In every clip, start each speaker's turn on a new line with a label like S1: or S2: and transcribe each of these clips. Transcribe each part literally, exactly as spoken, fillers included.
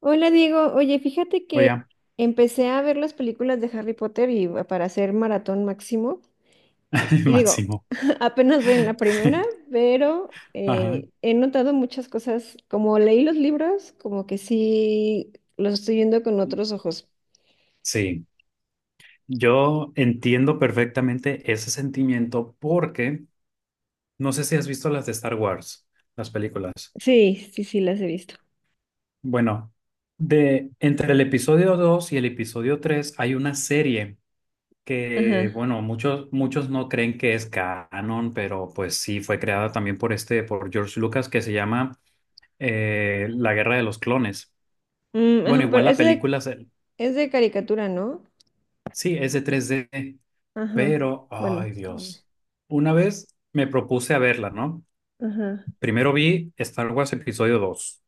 S1: Hola Diego, oye, fíjate que
S2: Oye,
S1: empecé a ver las películas de Harry Potter y va- para hacer maratón máximo. Y digo,
S2: máximo.
S1: apenas voy en la primera, pero
S2: Ajá.
S1: eh, he notado muchas cosas. Como leí los libros, como que sí los estoy viendo con otros ojos.
S2: Sí, yo entiendo perfectamente ese sentimiento porque no sé si has visto las de Star Wars, las películas.
S1: Sí, sí, sí, las he visto.
S2: Bueno, de entre el episodio dos y el episodio tres hay una serie que,
S1: Ajá.
S2: bueno, muchos muchos no creen que es canon, pero pues sí fue creada también por este por George Lucas que se llama eh, La Guerra de los Clones.
S1: Mm,
S2: Bueno,
S1: ajá, pero
S2: igual la
S1: es de,
S2: película se-
S1: es de caricatura, ¿no?
S2: sí es de tres D.
S1: Ajá.
S2: Pero,
S1: Bueno.
S2: ay Dios, una vez me propuse a verla, ¿no?
S1: Ajá.
S2: Primero vi Star Wars Episodio dos,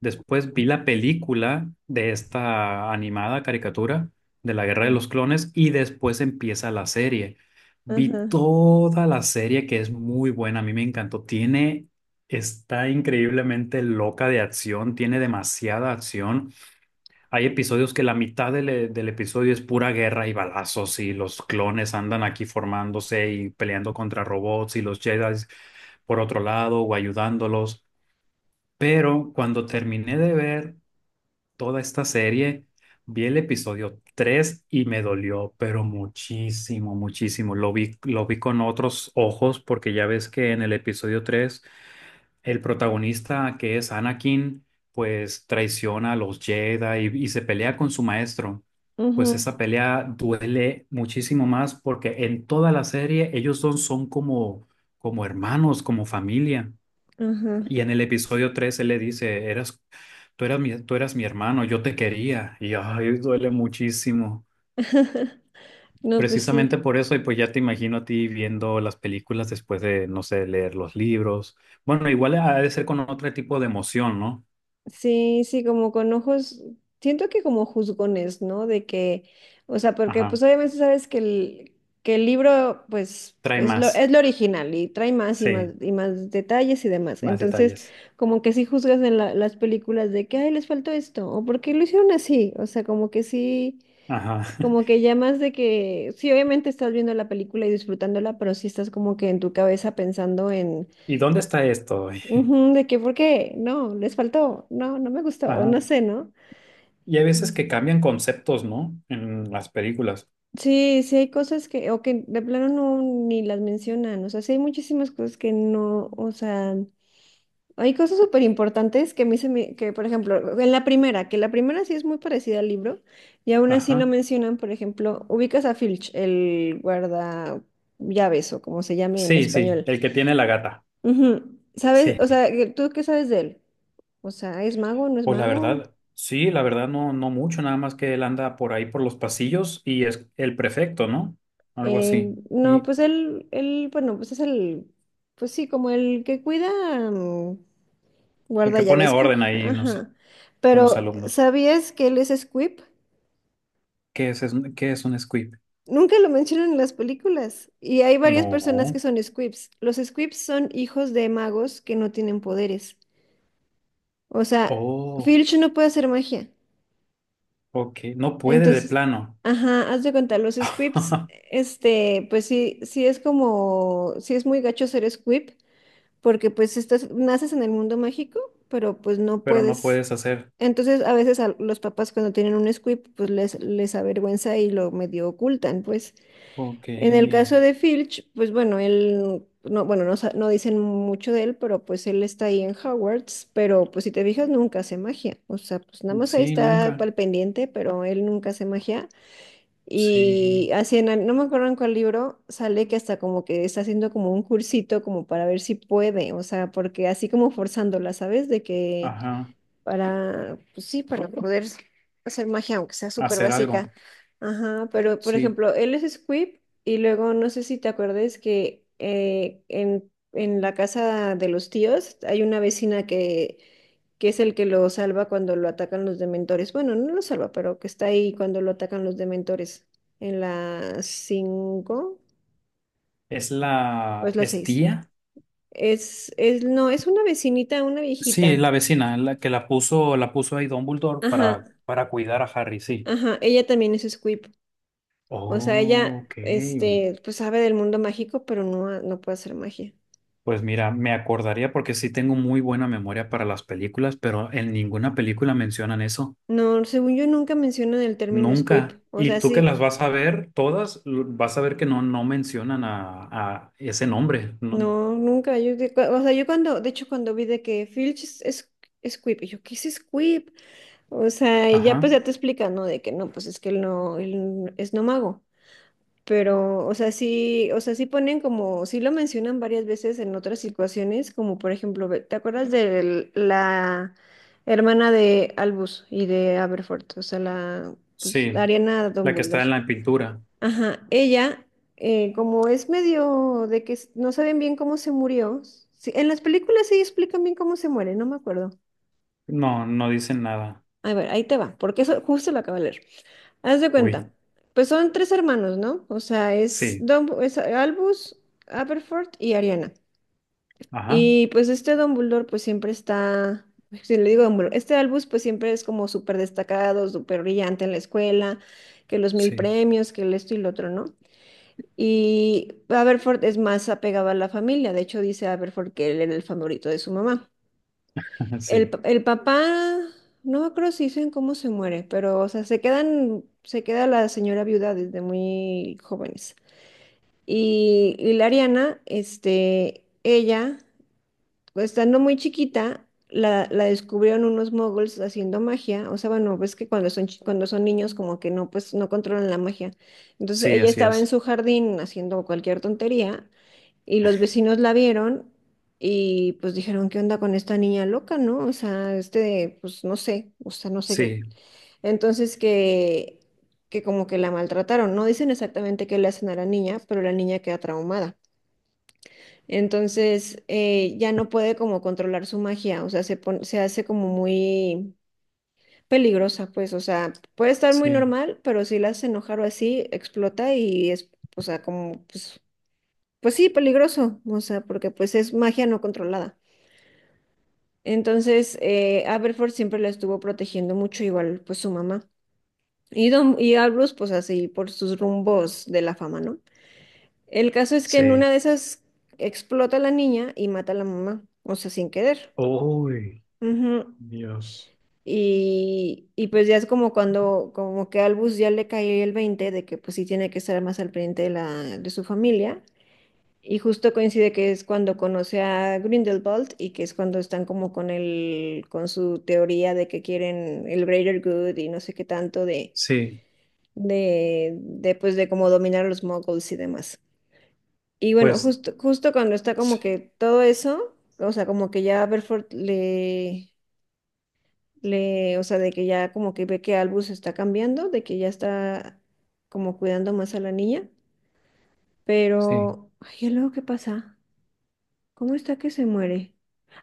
S2: después vi la película de esta animada caricatura de la Guerra de
S1: Ujú.
S2: los Clones y después empieza la serie. Vi
S1: Ajá.
S2: toda la serie que es muy buena, a mí me encantó. Tiene, está increíblemente loca de acción, tiene demasiada acción. Hay episodios que la mitad del, eh, del episodio es pura guerra y balazos y los clones andan aquí formándose y peleando contra robots y los Jedi por otro lado o ayudándolos. Pero cuando terminé de ver toda esta serie, vi el episodio tres y me dolió, pero muchísimo, muchísimo. Lo vi, lo vi con otros ojos porque ya ves que en el episodio tres el protagonista, que es Anakin, pues traiciona a los Jedi y, y se pelea con su maestro.
S1: Ujú.
S2: Pues esa pelea duele muchísimo más porque en toda la serie ellos dos son como, como hermanos, como familia.
S1: Ajá.
S2: Y en el episodio tres él le dice, eras, tú eras mi, tú eras mi hermano, yo te quería. Y ay, duele muchísimo.
S1: No, pues
S2: Precisamente
S1: sí.
S2: por eso, y pues ya te imagino a ti viendo las películas después de, no sé, leer los libros. Bueno, igual ha de ser con otro tipo de emoción, ¿no?
S1: Sí, sí, como con ojos, siento que como juzgones, ¿no? De que, o sea, porque
S2: Ajá.
S1: pues obviamente sabes que el, que el, libro, pues,
S2: Trae
S1: es lo,
S2: más.
S1: es lo original y trae más y más
S2: Sí,
S1: y más detalles y demás.
S2: más
S1: Entonces,
S2: detalles.
S1: como que sí juzgas en la- las películas de que, ay, les faltó esto, o por qué lo hicieron así. O sea, como que sí,
S2: Ajá.
S1: como que ya más de que, sí, obviamente estás viendo la película y disfrutándola, pero sí estás como que en tu cabeza pensando en...
S2: ¿Y dónde está esto hoy?
S1: Ujú, de que, ¿por qué? No, les faltó, no, no me gustó, o
S2: Ajá.
S1: no sé, ¿no?
S2: Y hay veces que
S1: Sí,
S2: cambian conceptos, ¿no? En las películas.
S1: sí sí hay cosas que, o que de plano no ni las mencionan, o sea, sí hay muchísimas cosas que no, o sea, hay cosas súper importantes que a mí se me, que por ejemplo, en la primera, que la primera sí es muy parecida al libro, y aún así no
S2: Ajá.
S1: mencionan, por ejemplo, ubicas a Filch, el guarda llaves o como se llame en
S2: Sí, sí,
S1: español.
S2: el que tiene la gata.
S1: Ujú. ¿Sabes?
S2: Sí.
S1: O sea, ¿tú qué sabes de él? O sea, ¿es mago? ¿No es
S2: Pues la
S1: mago?
S2: verdad, sí, la verdad no, no mucho, nada más que él anda por ahí por los pasillos y es el prefecto, ¿no? Algo
S1: Eh,
S2: así.
S1: no,
S2: Y
S1: pues él, él, bueno, pues es el, pues sí, como el que cuida, mm,
S2: el
S1: guarda
S2: que pone
S1: llaves, creo que,
S2: orden ahí, no sé,
S1: ajá.
S2: con los
S1: Pero,
S2: alumnos.
S1: ¿sabías que él es Squib?
S2: ¿Qué es, es- qué es un squib?
S1: Nunca lo mencionan en las películas. Y hay varias personas que
S2: No.
S1: son Squibs. Los Squibs son hijos de magos que no tienen poderes. O sea,
S2: Oh,
S1: Filch no puede hacer magia.
S2: ok. No puede de
S1: Entonces,
S2: plano.
S1: ajá, haz de cuenta, los Squibs, este, pues sí, sí es como, sí es muy gacho ser Squib. Porque pues estás, naces en el mundo mágico, pero pues no
S2: Pero no
S1: puedes.
S2: puedes hacer.
S1: Entonces a veces a los papás cuando tienen un squib, pues les, les avergüenza y lo medio ocultan, pues.
S2: Ok.
S1: En el caso de Filch, pues bueno, él, no, bueno, no, sa- no dicen mucho de él, pero pues él está ahí en Hogwarts, pero pues si te fijas nunca hace magia, o sea, pues nada más ahí
S2: Sí,
S1: está
S2: nunca.
S1: al pendiente, pero él nunca hace magia. Y
S2: Sí.
S1: así, en el- no me acuerdo en cuál libro, sale que hasta como que está haciendo como un cursito como para ver si puede, o sea, porque así como forzándola, ¿sabes? De que
S2: Ajá.
S1: para, pues sí, para poder hacer magia, aunque sea súper
S2: Hacer
S1: básica.
S2: algo.
S1: Ajá, pero por
S2: Sí.
S1: ejemplo, él es Squib y luego no sé si te acuerdas que eh, en, en, la casa de los tíos hay una vecina que que es el que lo salva cuando lo atacan los dementores. Bueno, no lo salva, pero que está ahí cuando lo atacan los dementores. En la cinco
S2: ¿Es
S1: o es
S2: la...
S1: la
S2: ¿Es
S1: seis.
S2: tía?
S1: Es, es, no, es una vecinita, una
S2: Sí,
S1: viejita.
S2: la vecina, la que la puso, la puso ahí Dumbledore
S1: Ajá,
S2: para, para cuidar a Harry, sí.
S1: ajá. Ella también es Squib. O sea,
S2: Oh,
S1: ella,
S2: ok.
S1: este, pues sabe del mundo mágico, pero no, ha- no puede hacer magia.
S2: Pues mira, me acordaría porque sí tengo muy buena memoria para las películas, pero en ninguna película mencionan eso,
S1: No, según yo nunca mencionan el término Squib.
S2: nunca.
S1: O
S2: Y
S1: sea,
S2: tú que
S1: sí.
S2: las vas a ver todas, lo- vas a ver que no, no mencionan a, a ese nombre. No.
S1: No, nunca. Yo, de- o sea, yo cuando, de hecho, cuando vi de que Filch es, es es Squib, y yo, ¿qué es Squib? O sea, y ya
S2: Ajá,
S1: pues ya te explica, ¿no? De que no, pues es que él no, él n- es no mago. Pero, o sea, sí, o sea, sí ponen como, sí lo mencionan varias veces en otras situaciones, como por ejemplo, ve- ¿te acuerdas de la hermana de Albus y de Aberforth? O sea, la, pues, la
S2: sí,
S1: Ariana
S2: la que está en
S1: Dumbledore.
S2: la pintura.
S1: Ajá, ella, eh, como es medio de que s- no saben bien cómo se murió, sí, en las películas sí explican bien cómo se muere, no me acuerdo.
S2: No, no dicen nada.
S1: A ver, ahí te va, porque eso justo lo acabo de leer. Haz de
S2: Uy,
S1: cuenta, pues son tres hermanos, ¿no? O sea, es,
S2: sí,
S1: Dumb- es Albus, Aberforth y Ariana.
S2: ajá,
S1: Y pues este Dumbledore pues siempre está, pues, si le digo Dumbledore, este Albus pues siempre es como súper destacado, súper brillante en la escuela, que los mil
S2: sí,
S1: premios, que el esto y lo otro, ¿no? Y Aberforth es más apegado a la familia, de hecho dice Aberforth que él era el favorito de su mamá. El,
S2: sí,
S1: pa- el papá, no me acuerdo si dicen cómo se muere, pero, o sea, se quedan, se queda la señora viuda desde muy jóvenes. Y, y la Ariana, este, ella, pues, estando muy chiquita, la, la descubrieron unos moguls haciendo magia. O sea, bueno, ves que cuando son, chi- cuando son niños, como que no, pues, no controlan la magia. Entonces,
S2: sí,
S1: ella
S2: así
S1: estaba en
S2: es.
S1: su jardín haciendo cualquier tontería y los vecinos la vieron y pues dijeron, ¿qué onda con esta niña loca, no? O sea, este, pues no sé, o sea, no sé qué.
S2: Sí,
S1: Entonces que, que, como que la maltrataron. No dicen exactamente qué le hacen a la niña, pero la niña queda traumada. Entonces eh, ya no puede como controlar su magia, o sea, se pon- se hace como muy peligrosa, pues, o sea, puede estar muy
S2: sí,
S1: normal, pero si la hace enojar o así, explota y es, o sea, como, pues, pues sí, peligroso, o sea, porque pues es magia no controlada. Entonces, eh, Aberforth siempre la estuvo protegiendo mucho, igual pues su mamá. Y, Don, y Albus, pues así, por sus rumbos de la fama, ¿no? El caso es que en una
S2: sí.
S1: de esas explota la niña y mata a la mamá, o sea, sin querer.
S2: Uy,
S1: Ujú.
S2: Dios.
S1: Y, y pues ya es como cuando, como que a Albus ya le cae el veinte de que pues sí tiene que estar más al pendiente de, la, de su familia. Y justo coincide que es cuando conoce a Grindelwald y que es cuando están como con el, con su teoría de que quieren el greater good y no sé qué tanto de,
S2: Sí,
S1: de, de pues de cómo dominar a los muggles y demás. Y bueno,
S2: pues,
S1: justo, justo cuando está como
S2: sí,
S1: que todo eso, o sea, como que ya Berford le, le, o sea, de que ya como que ve que Albus está cambiando, de que ya está como cuidando más a la niña,
S2: sí.
S1: pero, ay, ¿y luego qué pasa? ¿Cómo está que se muere?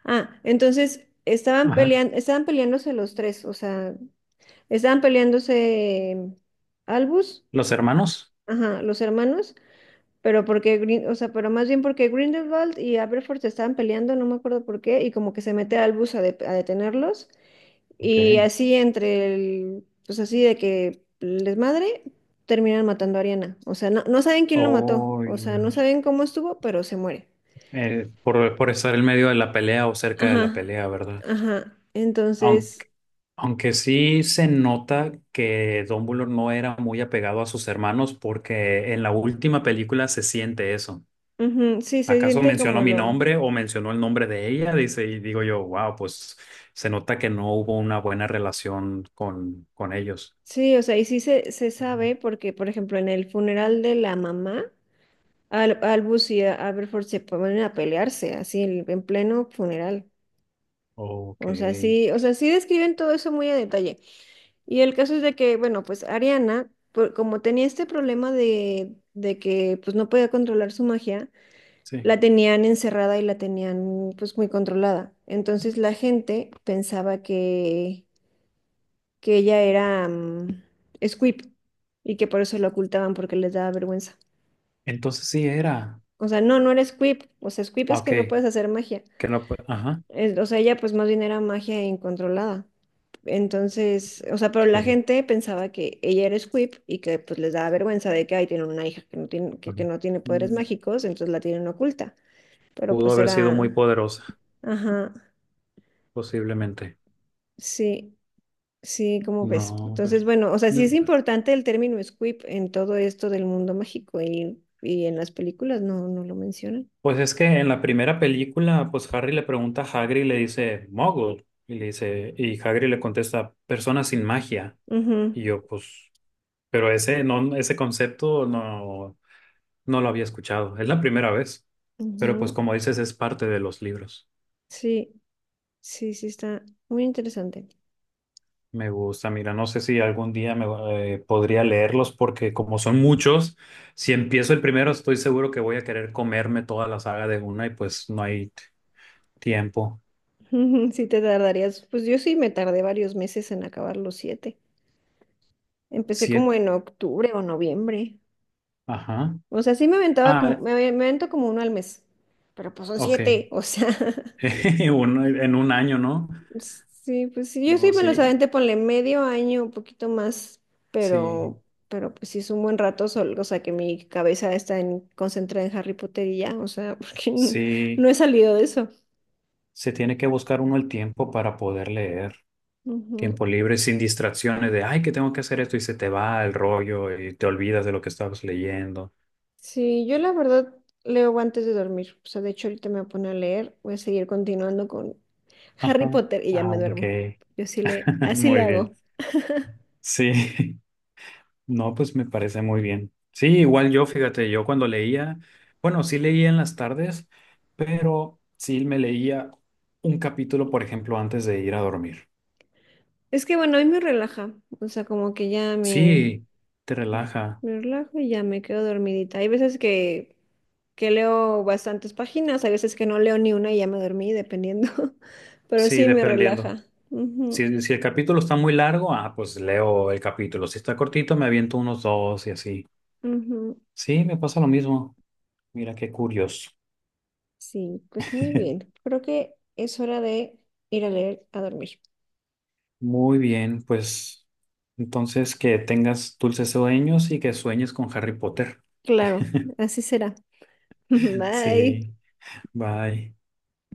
S1: Ah, entonces estaban
S2: Ajá.
S1: peleando, estaban peleándose los tres, o sea, estaban peleándose em, Albus,
S2: Los hermanos.
S1: ajá, los hermanos, pero porque Grin- o sea, pero más bien porque Grindelwald y Aberforth se estaban peleando, no me acuerdo por qué, y como que se mete Albus a, de- a detenerlos, y
S2: Ok.
S1: así entre el, pues así de que les madre, terminan matando a Ariana. O sea, no, no saben quién lo mató,
S2: Oh,
S1: o sea, no
S2: Dios.
S1: saben cómo estuvo, pero se muere.
S2: eh, por, por estar en medio de la pelea o cerca de la
S1: Ajá,
S2: pelea, ¿verdad?
S1: ajá.
S2: Aunque,
S1: Entonces,
S2: aunque sí se nota que Dumbledore no era muy apegado a sus hermanos porque en la última película se siente eso.
S1: ujú, sí, se
S2: ¿Acaso
S1: siente
S2: mencionó
S1: como
S2: mi
S1: lo...
S2: nombre o mencionó el nombre de ella? Dice, y digo yo, wow, pues se nota que no hubo una buena relación con, con ellos.
S1: Sí, o sea, y sí se, se
S2: Ujú.
S1: sabe porque, por ejemplo, en el funeral de la mamá, Al, Albus y Aberforth se ponen a pelearse, así, en, en, pleno funeral.
S2: Ok.
S1: O sea, sí, o sea, sí describen todo eso muy a detalle. Y el caso es de que, bueno, pues Ariana, por- como tenía este problema de, de, que pues no podía controlar su magia,
S2: Sí.
S1: la tenían encerrada y la tenían pues muy controlada. Entonces la gente pensaba que, que ella era mm, Squib y que por eso la ocultaban porque les daba vergüenza.
S2: Entonces sí era.
S1: O sea, no, no era Squib. O sea, Squib
S2: Ah,
S1: es
S2: ok.
S1: que no puedes hacer magia.
S2: Que no, pu- ajá.
S1: Es- o sea, ella pues más bien era magia incontrolada. Entonces, o sea, pero la
S2: Que,
S1: gente pensaba que ella era Squib y que pues les daba vergüenza de que ahí tienen una hija que no tiene, que, que
S2: bueno,
S1: no tiene poderes
S2: mm,
S1: mágicos, entonces la tienen oculta. Pero
S2: pudo
S1: pues
S2: haber sido muy
S1: era,
S2: poderosa,
S1: ajá,
S2: posiblemente.
S1: sí. Sí, como ves.
S2: No, pues,
S1: Entonces, bueno, o sea, sí
S2: mm,
S1: es importante el término squib en todo esto del mundo mágico y, y, en las películas no, no lo mencionan.
S2: pues es que en la primera película, pues Harry le pregunta a Hagrid y le dice Muggle y le dice, y Hagrid le contesta, persona sin magia.
S1: Ujú,
S2: Y yo pues, pero ese no ese concepto no, no lo había escuchado. Es la primera vez, pero pues
S1: ujú.
S2: como dices es parte de los libros.
S1: Sí, sí, sí, está muy interesante.
S2: Me gusta, mira, no sé si algún día me eh, podría leerlos porque como son muchos, si empiezo el primero estoy seguro que voy a querer comerme toda la saga de una y pues no hay t- tiempo.
S1: Sí, te tardarías. Pues yo sí me tardé varios meses en acabar los siete. Empecé
S2: Siete,
S1: como en octubre o noviembre.
S2: ajá.
S1: O sea, sí me aventaba como,
S2: Ah,
S1: me, me avento como uno al mes. Pero pues son
S2: ok.
S1: siete, o sea.
S2: Uno en un año, ¿no?
S1: Sí, pues sí, yo sí
S2: No,
S1: me los
S2: sí,
S1: aventé, ponle medio año, un poquito más, pero,
S2: sí,
S1: pero pues sí es un buen rato, sol- o sea que mi cabeza está en, concentrada en Harry Potter y ya, o sea, porque no, no
S2: sí.
S1: he salido de eso.
S2: Se tiene que buscar uno el tiempo para poder leer.
S1: Ujú.
S2: Tiempo libre, sin distracciones de, ay, que tengo que hacer esto y se te va el rollo y te olvidas de lo que estabas leyendo.
S1: Sí, yo la verdad leo antes de dormir, o sea, de hecho ahorita me voy a poner a leer, voy a seguir continuando con
S2: Ajá.
S1: Harry Potter y ya
S2: Ah,
S1: me
S2: ok.
S1: duermo. Yo sí le, así le
S2: Muy bien.
S1: hago.
S2: Sí, no, pues me parece muy bien. Sí, igual yo, fíjate, yo cuando leía, bueno, sí leía en las tardes, pero sí me leía un capítulo, por ejemplo, antes de ir a dormir.
S1: Es que bueno, a mí me relaja, o sea, como que ya me...
S2: Sí, te relaja.
S1: Me relajo y ya me quedo dormidita. Hay veces que, que, leo bastantes páginas, hay veces que no leo ni una y ya me dormí, dependiendo. Pero
S2: Sí,
S1: sí me
S2: dependiendo.
S1: relaja. Ujú,
S2: Si, si el capítulo está muy largo, ah, pues leo el capítulo. Si está cortito, me aviento unos dos y así.
S1: ujú.
S2: Sí, me pasa lo mismo. Mira qué curioso.
S1: Sí, pues muy bien. Creo que es hora de ir a leer a dormir.
S2: Muy bien, pues entonces que tengas dulces sueños y que sueñes con Harry Potter.
S1: Claro, así será. Bye.
S2: Sí, bye.